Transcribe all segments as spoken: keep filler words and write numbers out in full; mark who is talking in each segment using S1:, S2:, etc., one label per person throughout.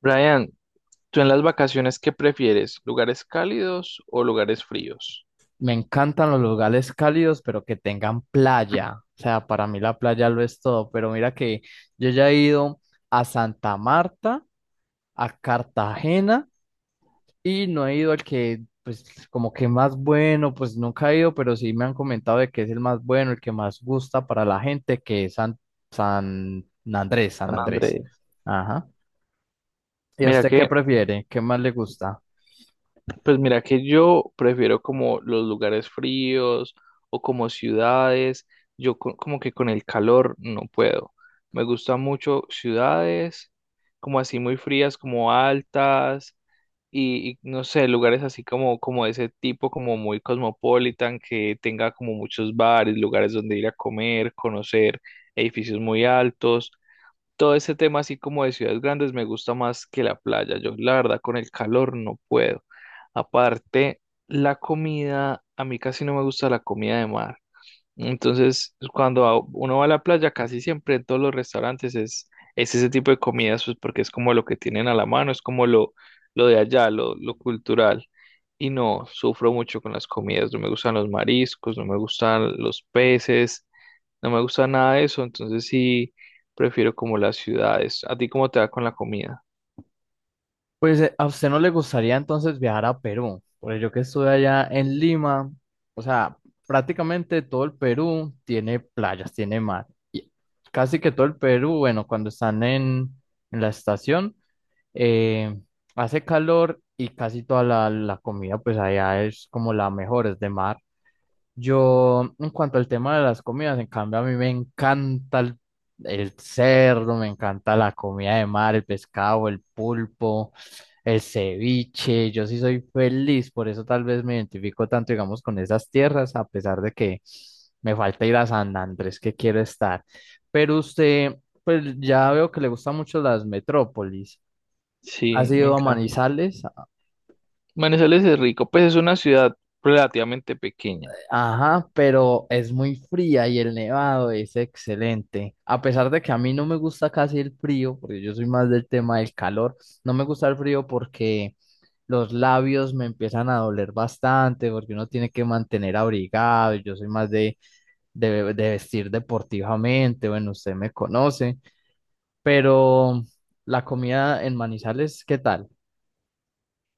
S1: Brian, ¿tú en las vacaciones qué prefieres? ¿Lugares cálidos o lugares fríos?
S2: Me encantan los lugares cálidos, pero que tengan playa. O sea, para mí la playa lo es todo. Pero mira que yo ya he ido a Santa Marta, a Cartagena, y no he ido al que, pues, como que más bueno, pues nunca he ido, pero sí me han comentado de que es el más bueno, el que más gusta para la gente, que es San, San Andrés, San
S1: San
S2: Andrés.
S1: Andrés.
S2: Ajá. ¿Y a
S1: Mira
S2: usted qué
S1: que
S2: prefiere? ¿Qué más le gusta?
S1: Pues mira que yo prefiero como los lugares fríos o como ciudades. Yo co- como que con el calor no puedo. Me gustan mucho ciudades como así muy frías, como altas y, y no sé, lugares así como, como de ese tipo, como muy cosmopolitan, que tenga como muchos bares, lugares donde ir a comer, conocer edificios muy altos, todo ese tema así como de ciudades grandes me gusta más que la playa. Yo, la verdad, con el calor no puedo. Aparte, la comida, a mí casi no me gusta la comida de mar. Entonces, cuando a- uno va a la playa, casi siempre en todos los restaurantes es, es ese tipo de comidas, pues porque es como lo que tienen a la mano, es como lo, lo de allá, lo, lo cultural. Y no, sufro mucho con las comidas, no me gustan los mariscos, no me gustan los peces. No me gusta nada de eso, entonces sí prefiero como las ciudades. ¿A ti cómo te va con la comida?
S2: Pues eh, a usted no le gustaría entonces viajar a Perú, porque yo que estuve allá en Lima, o sea, prácticamente todo el Perú tiene playas, tiene mar. Y casi que todo el Perú, bueno, cuando están en, en la estación, eh, hace calor y casi toda la, la comida, pues allá es como la mejor, es de mar. Yo, en cuanto al tema de las comidas, en cambio, a mí me encanta el, el cerdo, me encanta la comida de mar, el pescado, el pulpo, el ceviche. Yo sí soy feliz, por eso tal vez me identifico tanto, digamos, con esas tierras, a pesar de que me falta ir a San Andrés, que quiero estar. Pero usted, pues ya veo que le gustan mucho las metrópolis.
S1: Sí,
S2: ¿Has
S1: me
S2: ido a
S1: encanta.
S2: Manizales?
S1: Manizales es rico, pues es una ciudad relativamente pequeña.
S2: Ajá, pero es muy fría y el nevado es excelente. A pesar de que a mí no me gusta casi el frío, porque yo soy más del tema del calor, no me gusta el frío porque los labios me empiezan a doler bastante, porque uno tiene que mantener abrigado. Y Yo soy más de, de, de vestir deportivamente, bueno, usted me conoce, pero la comida en Manizales, ¿qué tal?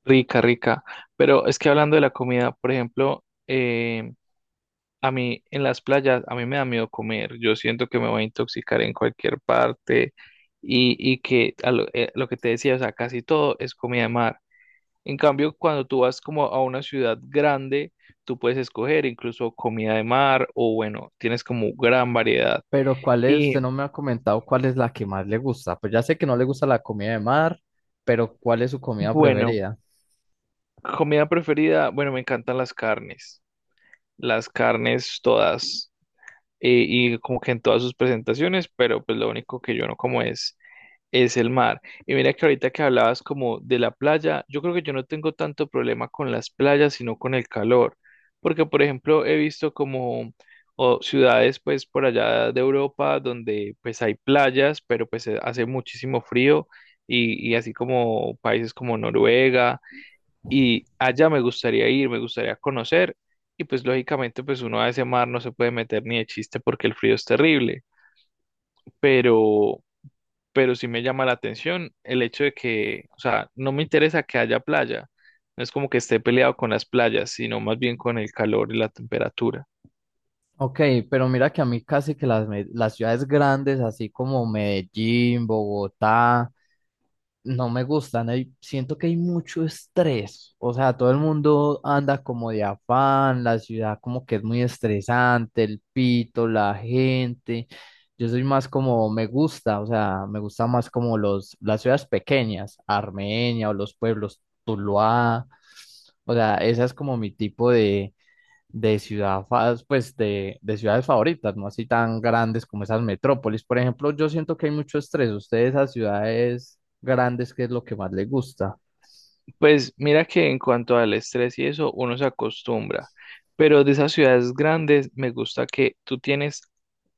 S1: Rica, rica, pero es que hablando de la comida, por ejemplo, eh, a mí en las playas, a mí me da miedo comer. Yo siento que me voy a intoxicar en cualquier parte y, y que a lo, eh, lo que te decía, o sea, casi todo es comida de mar. En cambio, cuando tú vas como a una ciudad grande, tú puedes escoger incluso comida de mar o bueno, tienes como gran variedad.
S2: Pero ¿cuál es?
S1: Y
S2: Usted no me ha comentado cuál es la que más le gusta. Pues ya sé que no le gusta la comida de mar, pero ¿cuál es su comida
S1: bueno,
S2: preferida?
S1: comida preferida, bueno, me encantan las carnes, las carnes todas, eh, y como que en todas sus presentaciones, pero pues lo único que yo no como es es el mar. Y mira que ahorita que hablabas como de la playa, yo creo que yo no tengo tanto problema con las playas, sino con el calor, porque por ejemplo he visto como o ciudades pues por allá de Europa donde pues hay playas, pero pues eh, hace muchísimo frío y, y así como países como Noruega, y allá me gustaría ir, me gustaría conocer. Y pues lógicamente pues uno a ese mar no se puede meter ni de chiste porque el frío es terrible, pero pero sí me llama la atención el hecho de que, o sea, no me interesa que haya playa. No es como que esté peleado con las playas, sino más bien con el calor y la temperatura.
S2: Ok, pero mira que a mí casi que las, me- las ciudades grandes, así como Medellín, Bogotá, no me gustan. Hay, siento que hay mucho estrés. O sea, todo el mundo anda como de afán, la ciudad como que es muy estresante, el pito, la gente. Yo soy más como me gusta, o sea, me gusta más como los, las ciudades pequeñas, Armenia o los pueblos, Tuluá. O sea, esa es como mi tipo de, de ciudad, fa- pues de, de ciudades favoritas, no así tan grandes como esas metrópolis. Por ejemplo, yo siento que hay mucho estrés. Usted de esas ciudades grandes, ¿qué es lo que más le gusta?
S1: Pues mira que en cuanto al estrés y eso, uno se acostumbra, pero de esas ciudades grandes me gusta que tú tienes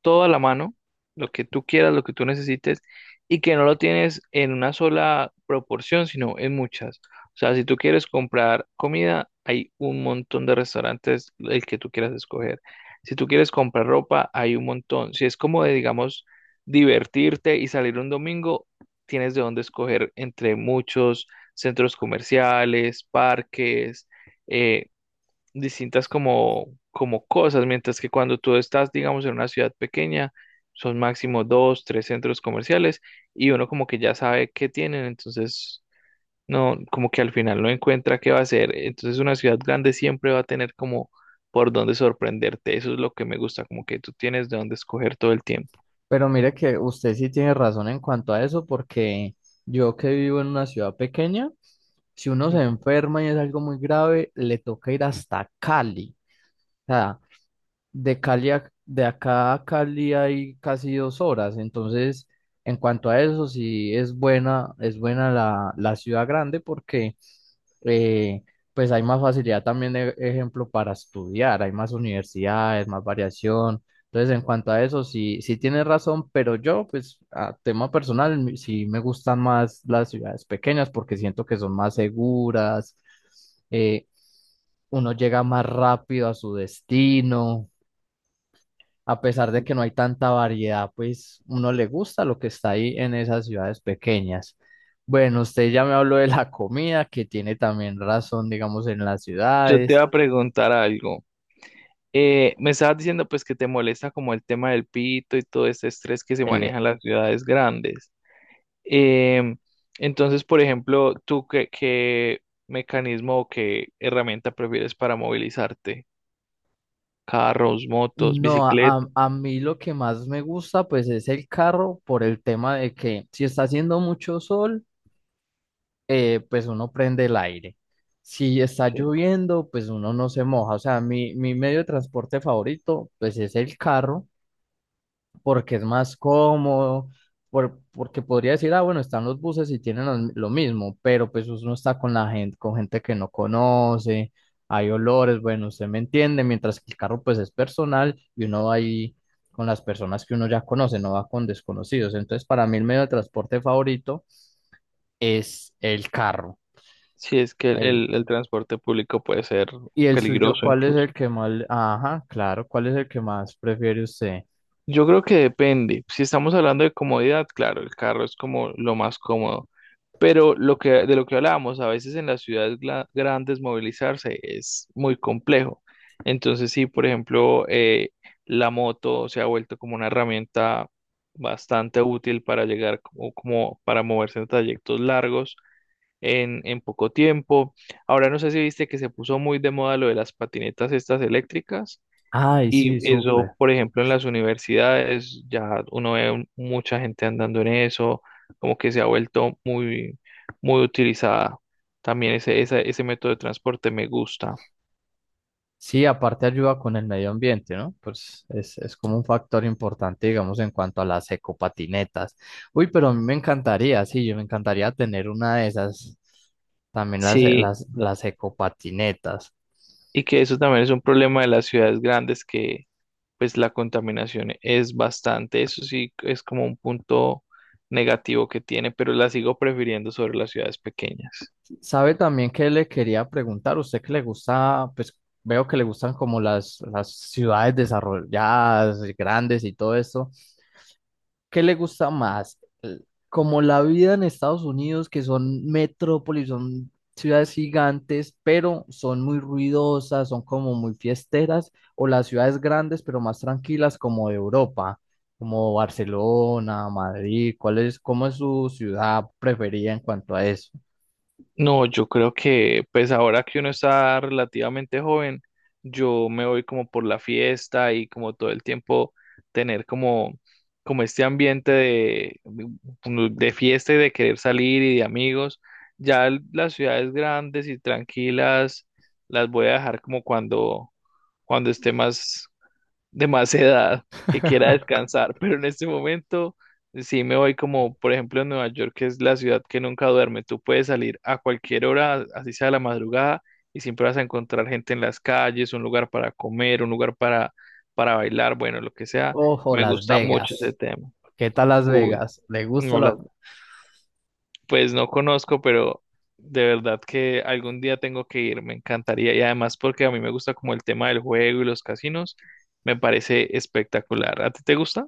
S1: todo a la mano, lo que tú quieras, lo que tú necesites, y que no lo tienes en una sola proporción, sino en muchas. O sea, si tú quieres comprar comida, hay un montón de restaurantes el que tú quieras escoger. Si tú quieres comprar ropa, hay un montón. Si es como de, digamos, divertirte y salir un domingo, tienes de dónde escoger entre muchos centros comerciales, parques, eh, distintas como, como cosas, mientras que cuando tú estás, digamos, en una ciudad pequeña, son máximo dos, tres centros comerciales y uno como que ya sabe qué tienen, entonces no, como que al final no encuentra qué va a hacer, entonces una ciudad grande siempre va a tener como por dónde sorprenderte, eso es lo que me gusta, como que tú tienes de dónde escoger todo el tiempo.
S2: Pero mire que usted sí tiene razón en cuanto a eso, porque yo que vivo en una ciudad pequeña, si uno se enferma y es algo muy grave, le toca ir hasta Cali. O sea, De Cali a- de acá a Cali hay casi dos horas, entonces en cuanto a eso sí es buena, es buena la, la ciudad grande porque eh, pues hay más facilidad también de ejemplo para estudiar, hay más universidades, más variación, entonces en cuanto a eso sí, sí tienes razón, pero yo pues a tema personal mi- sí me gustan más las ciudades pequeñas porque siento que son más seguras, eh, uno llega más rápido a su destino a pesar de que no hay tanta variedad, pues uno le gusta lo que está ahí en esas ciudades pequeñas. Bueno, usted ya me habló de la comida, que tiene también razón, digamos, en las
S1: Yo te
S2: ciudades.
S1: voy a preguntar algo. Eh, me estabas diciendo pues que te molesta como el tema del pito y todo este estrés que se
S2: El-
S1: maneja en las ciudades grandes. Em, entonces, por ejemplo, ¿tú qué, qué mecanismo o qué herramienta prefieres para movilizarte? ¿Carros, motos,
S2: no, a, a
S1: bicicleta?
S2: a mí lo que más me gusta, pues es el carro por el tema de que si está haciendo mucho sol, eh, pues uno prende el aire. Si está
S1: Sí,
S2: lloviendo, pues uno no se moja. O sea, mi, mi medio de transporte favorito, pues es el carro. Porque es más cómodo, por, porque podría decir, ah, bueno, están los buses y tienen los- lo mismo, pero pues uno está con la gente, con gente que no conoce, hay olores, bueno, usted me entiende, mientras que el carro pues es personal y uno va ahí con las personas que uno ya conoce, no va con desconocidos. Entonces, para mí el medio de transporte favorito es el carro.
S1: sí es que
S2: El,
S1: el, el transporte público puede ser
S2: ¿Y el suyo
S1: peligroso
S2: cuál es el
S1: incluso.
S2: que más, le- ajá, claro, cuál es el que más prefiere usted?
S1: Yo creo que depende. Si estamos hablando de comodidad, claro, el carro es como lo más cómodo. Pero lo que, de lo que hablábamos, a veces en las ciudades gla- grandes movilizarse es muy complejo. Entonces, sí, por ejemplo, eh, la moto se ha vuelto como una herramienta bastante útil para llegar como, como para moverse en trayectos largos en, en poco tiempo. Ahora no sé si viste que se puso muy de moda lo de las patinetas estas eléctricas.
S2: Ay,
S1: Y
S2: sí,
S1: eso,
S2: súper.
S1: por ejemplo, en las universidades ya uno ve un- mucha gente andando en eso, como que se ha vuelto muy, muy utilizada. También ese, esa- ese método de transporte me gusta.
S2: Sí, aparte ayuda con el medio ambiente, ¿no? Pues es, es como un factor importante, digamos, en cuanto a las ecopatinetas. Uy, pero a mí me encantaría, sí, yo me encantaría tener una de esas, también las,
S1: Sí,
S2: las, las ecopatinetas.
S1: y que eso también es un problema de las ciudades grandes, que pues la contaminación es bastante. Eso sí es como un punto negativo que tiene, pero la sigo prefiriendo sobre las ciudades pequeñas.
S2: ¿Sabe también que le quería preguntar? ¿Usted que le gusta, pues veo que le gustan como las, las ciudades desarrolladas, grandes y todo eso? ¿Qué le gusta más? El- Como la vida en Estados Unidos, que son metrópolis, son ciudades gigantes, pero son muy ruidosas, son como muy fiesteras, o las ciudades grandes, pero más tranquilas, como de Europa, como Barcelona, Madrid, ¿cuál es, cómo es su ciudad preferida en cuanto a eso?
S1: No, yo creo que pues ahora que uno está relativamente joven, yo me voy como por la fiesta y como todo el tiempo tener como, como este ambiente de, de fiesta y de querer salir y de amigos. Ya el- las ciudades grandes y tranquilas las voy a dejar como cuando, cuando esté más, de más edad que quiera descansar, pero en este momento sí me voy como, por ejemplo, en Nueva York, que es la ciudad que nunca duerme. Tú puedes salir a cualquier hora, así sea la madrugada, y siempre vas a encontrar gente en las calles, un lugar para comer, un lugar para, para bailar, bueno, lo que sea.
S2: Ojo,
S1: Me
S2: Las
S1: gusta mucho ese
S2: Vegas.
S1: tema.
S2: ¿Qué tal Las
S1: Uy,
S2: Vegas? ¿Le gusta
S1: no
S2: Las?
S1: las pues no conozco, pero de verdad que algún día tengo que ir, me encantaría. Y además porque a mí me gusta como el tema del juego y los casinos, me parece espectacular. ¿A ti te gusta?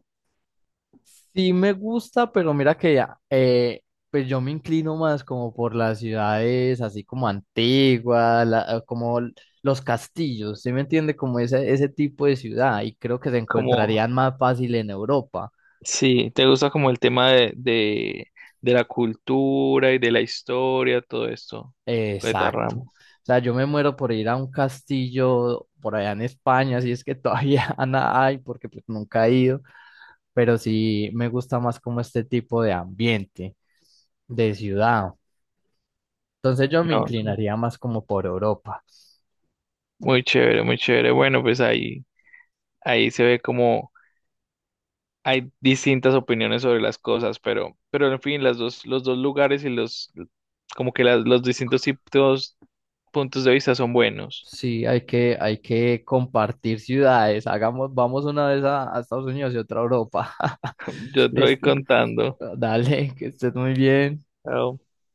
S2: Sí me gusta, pero mira que ya, eh, pues yo me inclino más como por las ciudades así como antiguas, la- como l- los castillos, ¿sí me entiende? Como ese, ese tipo de ciudad y creo que se
S1: Como,
S2: encontrarían más fácil en Europa.
S1: sí, te gusta como el tema de, de, de la cultura y de la historia, todo esto,
S2: Eh,
S1: con esta
S2: exacto. O
S1: rama.
S2: sea, yo me muero por ir a un castillo por allá en España, si es que todavía na- hay, porque pues nunca he ido, pero sí me gusta más como este tipo de ambiente, de ciudad. Entonces yo me
S1: No, es
S2: inclinaría más como por Europa.
S1: muy chévere, muy chévere. Bueno, pues ahí, ahí se ve como... hay distintas opiniones sobre las cosas, pero, pero en fin, las dos, los dos lugares y los, como que las- los distintos tipos, puntos de vista son buenos.
S2: Sí, hay que, hay que compartir ciudades. Hagamos, vamos una vez a, a Estados Unidos y otra a Europa.
S1: Yo estoy
S2: Listo.
S1: contando.
S2: Dale, que estés muy bien.